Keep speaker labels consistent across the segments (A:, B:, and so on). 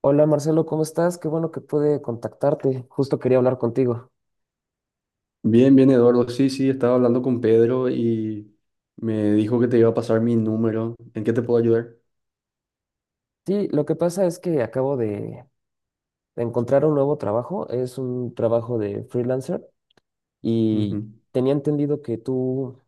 A: Hola Marcelo, ¿cómo estás? Qué bueno que pude contactarte. Justo quería hablar contigo.
B: Bien, bien, Eduardo. Sí, sí, estaba hablando con Pedro y me dijo que te iba a pasar mi número. ¿En qué te puedo ayudar?
A: Sí, lo que pasa es que acabo de encontrar un nuevo trabajo. Es un trabajo de freelancer y
B: Ujú.
A: tenía entendido que tú,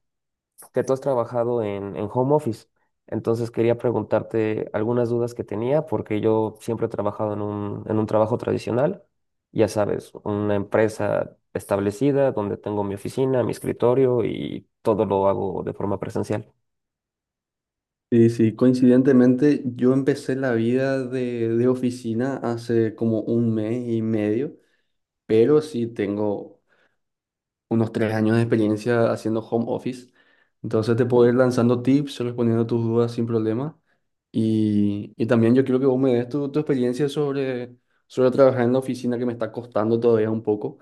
A: que tú has trabajado en home office. Entonces quería preguntarte algunas dudas que tenía porque yo siempre he trabajado en un trabajo tradicional. Ya sabes, una empresa establecida donde tengo mi oficina, mi escritorio y todo lo hago de forma presencial.
B: Sí, sí, coincidentemente yo empecé la vida de oficina hace como 1 mes y medio, pero sí tengo unos 3 años de experiencia haciendo home office. Entonces te puedo ir lanzando tips, respondiendo tus dudas sin problema. Y también yo quiero que vos me des tu experiencia sobre trabajar en la oficina que me está costando todavía un poco.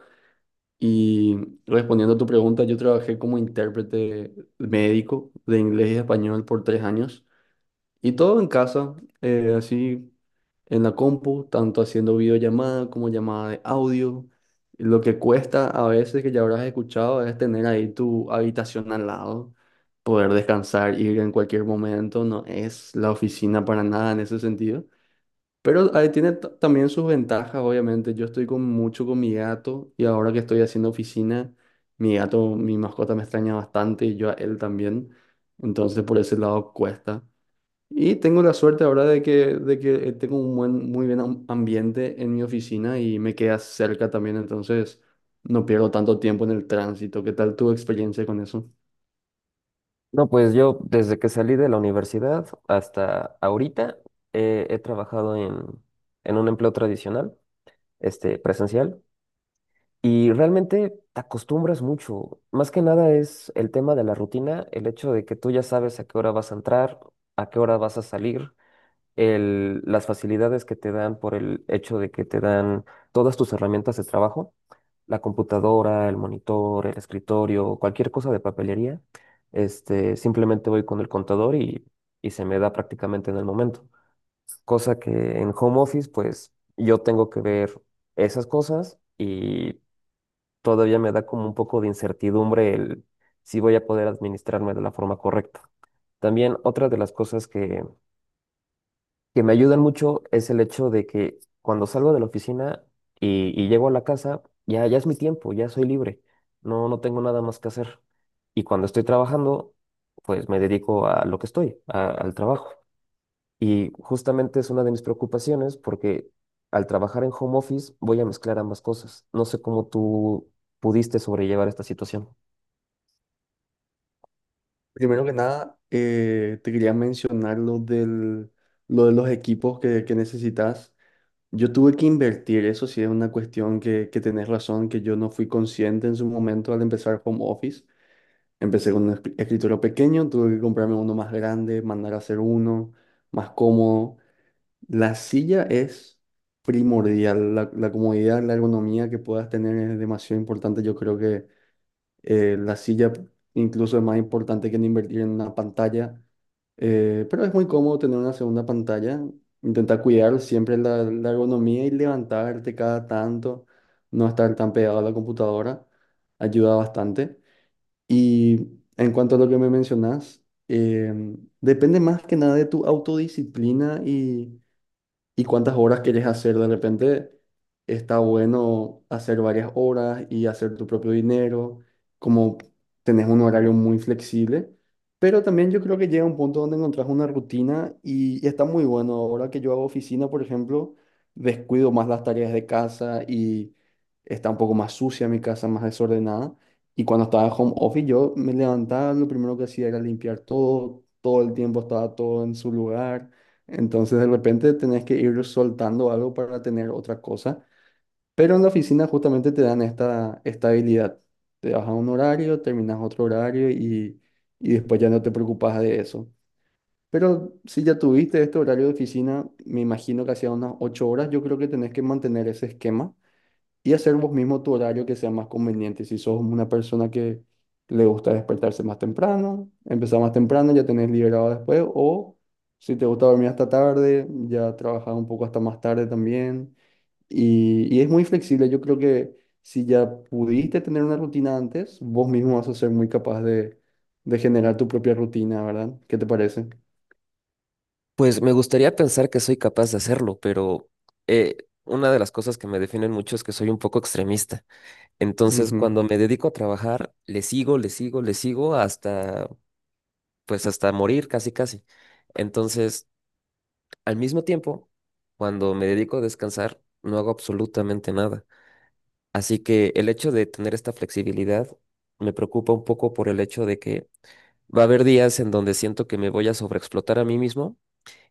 B: Y respondiendo a tu pregunta, yo trabajé como intérprete médico de inglés y español por 3 años y todo en casa, así en la compu, tanto haciendo videollamada como llamada de audio. Lo que cuesta a veces, que ya habrás escuchado, es tener ahí tu habitación al lado, poder descansar, ir en cualquier momento, no es la oficina para nada en ese sentido. Pero ahí tiene también sus ventajas, obviamente. Yo estoy con mucho con mi gato y ahora que estoy haciendo oficina, mi gato, mi mascota me extraña bastante y yo a él también. Entonces por ese lado cuesta. Y tengo la suerte ahora de que, tengo un buen, muy buen ambiente en mi oficina y me queda cerca también, entonces no pierdo tanto tiempo en el tránsito. ¿Qué tal tu experiencia con eso?
A: No, pues yo desde que salí de la universidad hasta ahorita he trabajado en un empleo tradicional, presencial, y realmente te acostumbras mucho. Más que nada es el tema de la rutina, el hecho de que tú ya sabes a qué hora vas a entrar, a qué hora vas a salir, las facilidades que te dan por el hecho de que te dan todas tus herramientas de trabajo, la computadora, el monitor, el escritorio, cualquier cosa de papelería, simplemente voy con el contador y se me da prácticamente en el momento. Cosa que en home office, pues yo tengo que ver esas cosas y todavía me da como un poco de incertidumbre el si voy a poder administrarme de la forma correcta. También otra de las cosas que me ayudan mucho es el hecho de que cuando salgo de la oficina y llego a la casa, ya, ya es mi tiempo, ya soy libre, no, no tengo nada más que hacer. Y cuando estoy trabajando, pues me dedico a lo que estoy, al trabajo. Y justamente es una de mis preocupaciones porque al trabajar en home office voy a mezclar ambas cosas. No sé cómo tú pudiste sobrellevar esta situación.
B: Primero que nada, te quería mencionar lo de los equipos que necesitas. Yo tuve que invertir, eso sí es una cuestión que tenés razón, que yo no fui consciente en su momento al empezar home office. Empecé con un escritorio pequeño, tuve que comprarme uno más grande, mandar a hacer uno más cómodo. La silla es primordial, la comodidad, la ergonomía que puedas tener es demasiado importante. Yo creo que la silla incluso es más importante que en invertir en una pantalla. Pero es muy cómodo tener una segunda pantalla. Intentar cuidar siempre la ergonomía y levantarte cada tanto, no estar tan pegado a la computadora, ayuda bastante. Y en cuanto a lo que me mencionas, depende más que nada de tu autodisciplina y cuántas horas querés hacer. De repente está bueno hacer varias horas y hacer tu propio dinero, como tenés un horario muy flexible. Pero también yo creo que llega un punto donde encontrás una rutina y está muy bueno. Ahora que yo hago oficina, por ejemplo, descuido más las tareas de casa y está un poco más sucia mi casa, más desordenada. Y cuando estaba en home office, yo me levantaba, lo primero que hacía era limpiar todo, todo el tiempo estaba todo en su lugar, entonces de repente tenés que ir soltando algo para tener otra cosa. Pero en la oficina justamente te dan esta estabilidad. Te vas a un horario, terminas otro horario y después ya no te preocupas de eso. Pero si ya tuviste este horario de oficina, me imagino que hacía unas 8 horas, yo creo que tenés que mantener ese esquema y hacer vos mismo tu horario que sea más conveniente. Si sos una persona que le gusta despertarse más temprano, empezar más temprano, ya tenés liberado después, o si te gusta dormir hasta tarde, ya trabajas un poco hasta más tarde también. Y es muy flexible, yo creo que si ya pudiste tener una rutina antes, vos mismo vas a ser muy capaz de generar tu propia rutina, ¿verdad? ¿Qué te parece?
A: Pues me gustaría pensar que soy capaz de hacerlo, pero eh, una de las cosas que me definen mucho es que soy un poco extremista. Entonces,
B: Ujú,
A: cuando me dedico a trabajar, le sigo, le sigo, le sigo hasta, pues hasta morir casi, casi. Entonces, al mismo tiempo, cuando me dedico a descansar, no hago absolutamente nada. Así que el hecho de tener esta flexibilidad me preocupa un poco por el hecho de que va a haber días en donde siento que me voy a sobreexplotar a mí mismo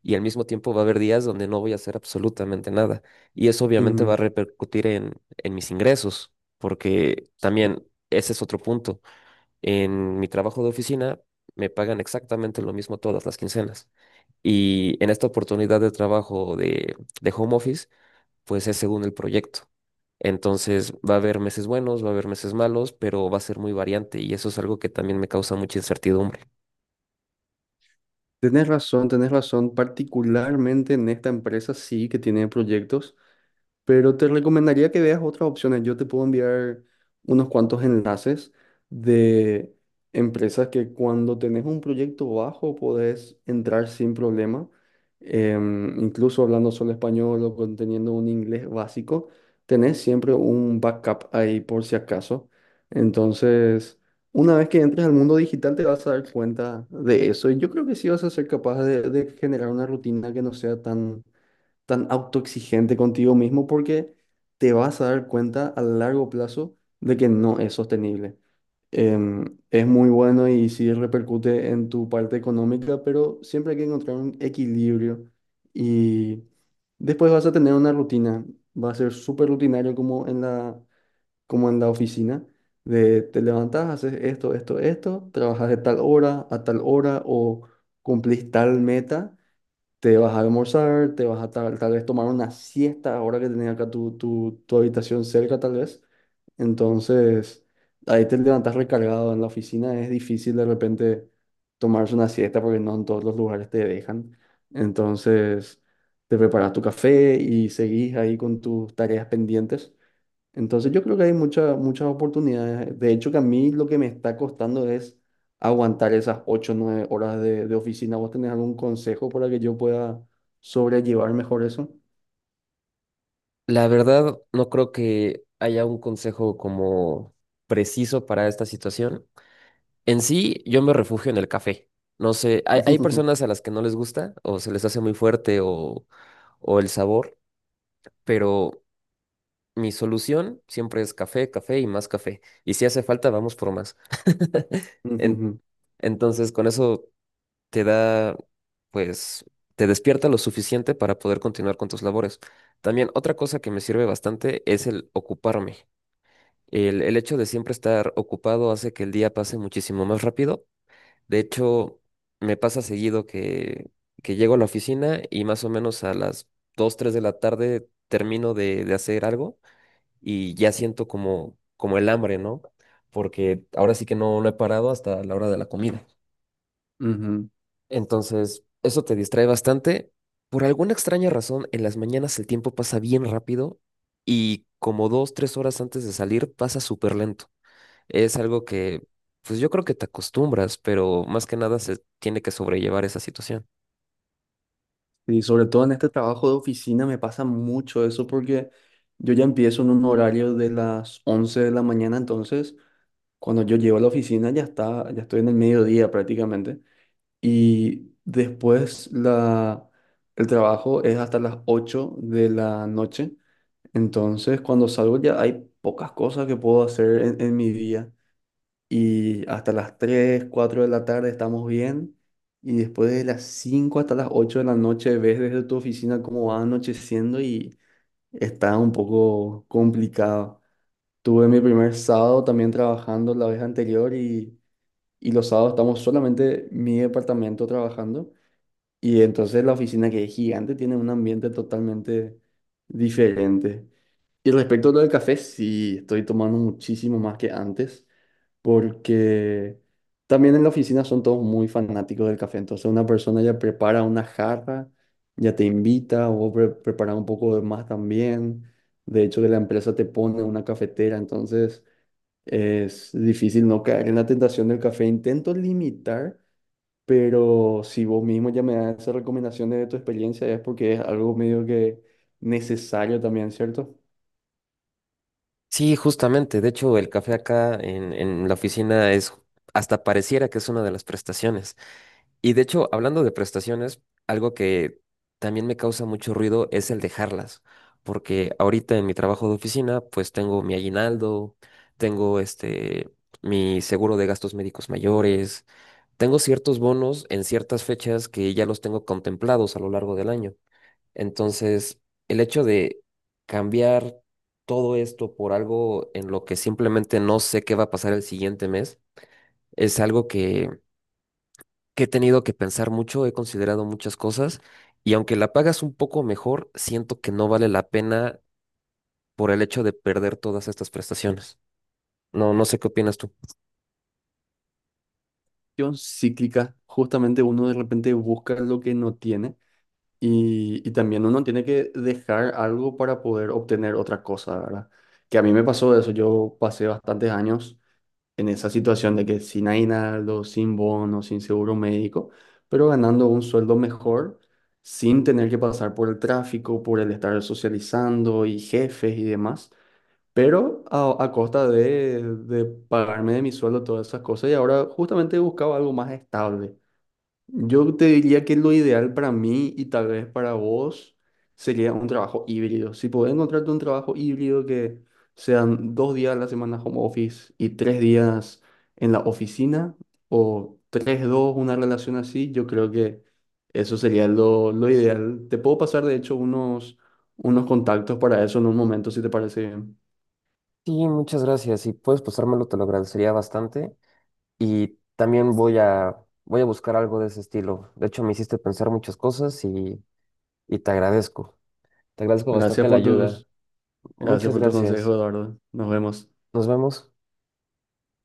A: y al mismo tiempo va a haber días donde no voy a hacer absolutamente nada. Y eso obviamente va
B: ujú.
A: a repercutir en mis ingresos, porque también ese es otro punto. En mi trabajo de oficina me pagan exactamente lo mismo todas las quincenas. Y en esta oportunidad de trabajo de home office, pues es según el proyecto. Entonces va a haber meses buenos, va a haber meses malos, pero va a ser muy variante y eso es algo que también me causa mucha incertidumbre.
B: Tenés razón, particularmente en esta empresa sí que tiene proyectos. Pero te recomendaría que veas otras opciones. Yo te puedo enviar unos cuantos enlaces de empresas que cuando tenés un proyecto bajo podés entrar sin problema. Incluso hablando solo español o teniendo un inglés básico, tenés siempre un backup ahí por si acaso. Entonces, una vez que entres al mundo digital te vas a dar cuenta de eso. Y yo creo que sí vas a ser capaz de generar una rutina que no sea tan autoexigente contigo mismo, porque te vas a dar cuenta a largo plazo de que no es sostenible. Es muy bueno y sí repercute en tu parte económica, pero siempre hay que encontrar un equilibrio y después vas a tener una rutina. Va a ser súper rutinario como en la oficina. De te levantas, haces esto, esto, esto, trabajas de tal hora a tal hora o cumplís tal meta, te vas a almorzar, te vas a tal, tal vez tomar una siesta ahora que tenés acá tu, tu, tu habitación cerca, tal vez. Entonces, ahí te levantas recargado en la oficina, es difícil de repente tomarse una siesta porque no en todos los lugares te dejan. Entonces, te preparas tu café y seguís ahí con tus tareas pendientes. Entonces yo creo que hay muchas oportunidades. De hecho, que a mí lo que me está costando es aguantar esas 8 o 9 horas de oficina. ¿Vos tenés algún consejo para que yo pueda sobrellevar mejor eso?
A: La verdad, no creo que haya un consejo como preciso para esta situación. En sí, yo me refugio en el café. No sé, hay personas a las que no les gusta o se les hace muy fuerte o el sabor. Pero mi solución siempre es café, café y más café. Y si hace falta, vamos por más. En-
B: Ujú,
A: entonces, con eso te da, pues, te despierta lo suficiente para poder continuar con tus labores. También otra cosa que me sirve bastante es el ocuparme. El hecho de siempre estar ocupado hace que el día pase muchísimo más rápido. De hecho, me pasa seguido que llego a la oficina y más o menos a las 2 3 de la tarde termino de hacer algo y ya siento como, como el hambre, ¿no? Porque ahora sí que no, no he parado hasta la hora de la comida.
B: ujú.
A: Entonces, eso te distrae bastante. Por alguna extraña razón, en las mañanas el tiempo pasa bien rápido y como dos, tres horas antes de salir pasa súper lento. Es algo que, pues yo creo que te acostumbras, pero más que nada se tiene que sobrellevar esa situación.
B: Y sobre todo en este trabajo de oficina me pasa mucho eso porque yo ya empiezo en un horario de las 11 de la mañana, entonces cuando yo llego a la oficina ya está, ya estoy en el mediodía prácticamente. Y después el trabajo es hasta las 8 de la noche. Entonces, cuando salgo ya hay pocas cosas que puedo hacer en mi día. Y hasta las 3 4 de la tarde estamos bien. Y después de las 5 hasta las 8 de la noche ves desde tu oficina cómo va anocheciendo y está un poco complicado. Tuve mi primer sábado también trabajando la vez anterior y los sábados estamos solamente mi departamento trabajando. Y entonces la oficina que es gigante tiene un ambiente totalmente diferente. Y respecto a lo del café, sí, estoy tomando muchísimo más que antes, porque también en la oficina son todos muy fanáticos del café. Entonces una persona ya prepara una jarra, ya te invita, o vos preparas un poco de más también. De hecho, que la empresa te pone una cafetera, entonces es difícil no caer en la tentación del café. Intento limitar. Pero si vos mismo ya me das esas recomendaciones de tu experiencia, es porque es algo medio que necesario también, ¿cierto?
A: Sí, justamente. De hecho, el café acá en la oficina es, hasta pareciera que es una de las prestaciones. Y de hecho, hablando de prestaciones, algo que también me causa mucho ruido es el dejarlas, porque ahorita en mi trabajo de oficina, pues tengo mi aguinaldo, tengo mi seguro de gastos médicos mayores, tengo ciertos bonos en ciertas fechas que ya los tengo contemplados a lo largo del año. Entonces, el hecho de cambiar todo esto por algo en lo que simplemente no sé qué va a pasar el siguiente mes es algo que he tenido que pensar mucho, he considerado muchas cosas y aunque la pagas un poco mejor, siento que no vale la pena por el hecho de perder todas estas prestaciones. No, no sé qué opinas tú.
B: Yo cíclica, justamente uno de repente busca lo que no tiene y también uno tiene que dejar algo para poder obtener otra cosa, ¿verdad? Que a mí me pasó eso, yo pasé bastantes años en esa situación de que sin aguinaldo, sin bono, sin seguro médico, pero ganando un sueldo mejor, sin tener que pasar por el tráfico, por el estar socializando y jefes y demás, pero a costa de pagarme de mi sueldo todas esas cosas y ahora justamente buscaba algo más estable. Yo te diría que lo ideal para mí y tal vez para vos sería un trabajo híbrido. Si podés encontrarte un trabajo híbrido que sean 2 días a la semana home office y 3 días en la oficina o tres, dos, una relación así, yo creo que eso sería lo ideal. Te puedo pasar, de hecho, unos, unos contactos para eso en un momento, si te parece bien.
A: Sí, muchas gracias. Si puedes pasármelo, te lo agradecería bastante. Y también voy a buscar algo de ese estilo. De hecho, me hiciste pensar muchas cosas y te agradezco. Te agradezco bastante
B: Gracias
A: la
B: por
A: ayuda.
B: tus, Gracias
A: Muchas
B: por tu consejo,
A: gracias.
B: Eduardo. Nos vemos.
A: Nos vemos.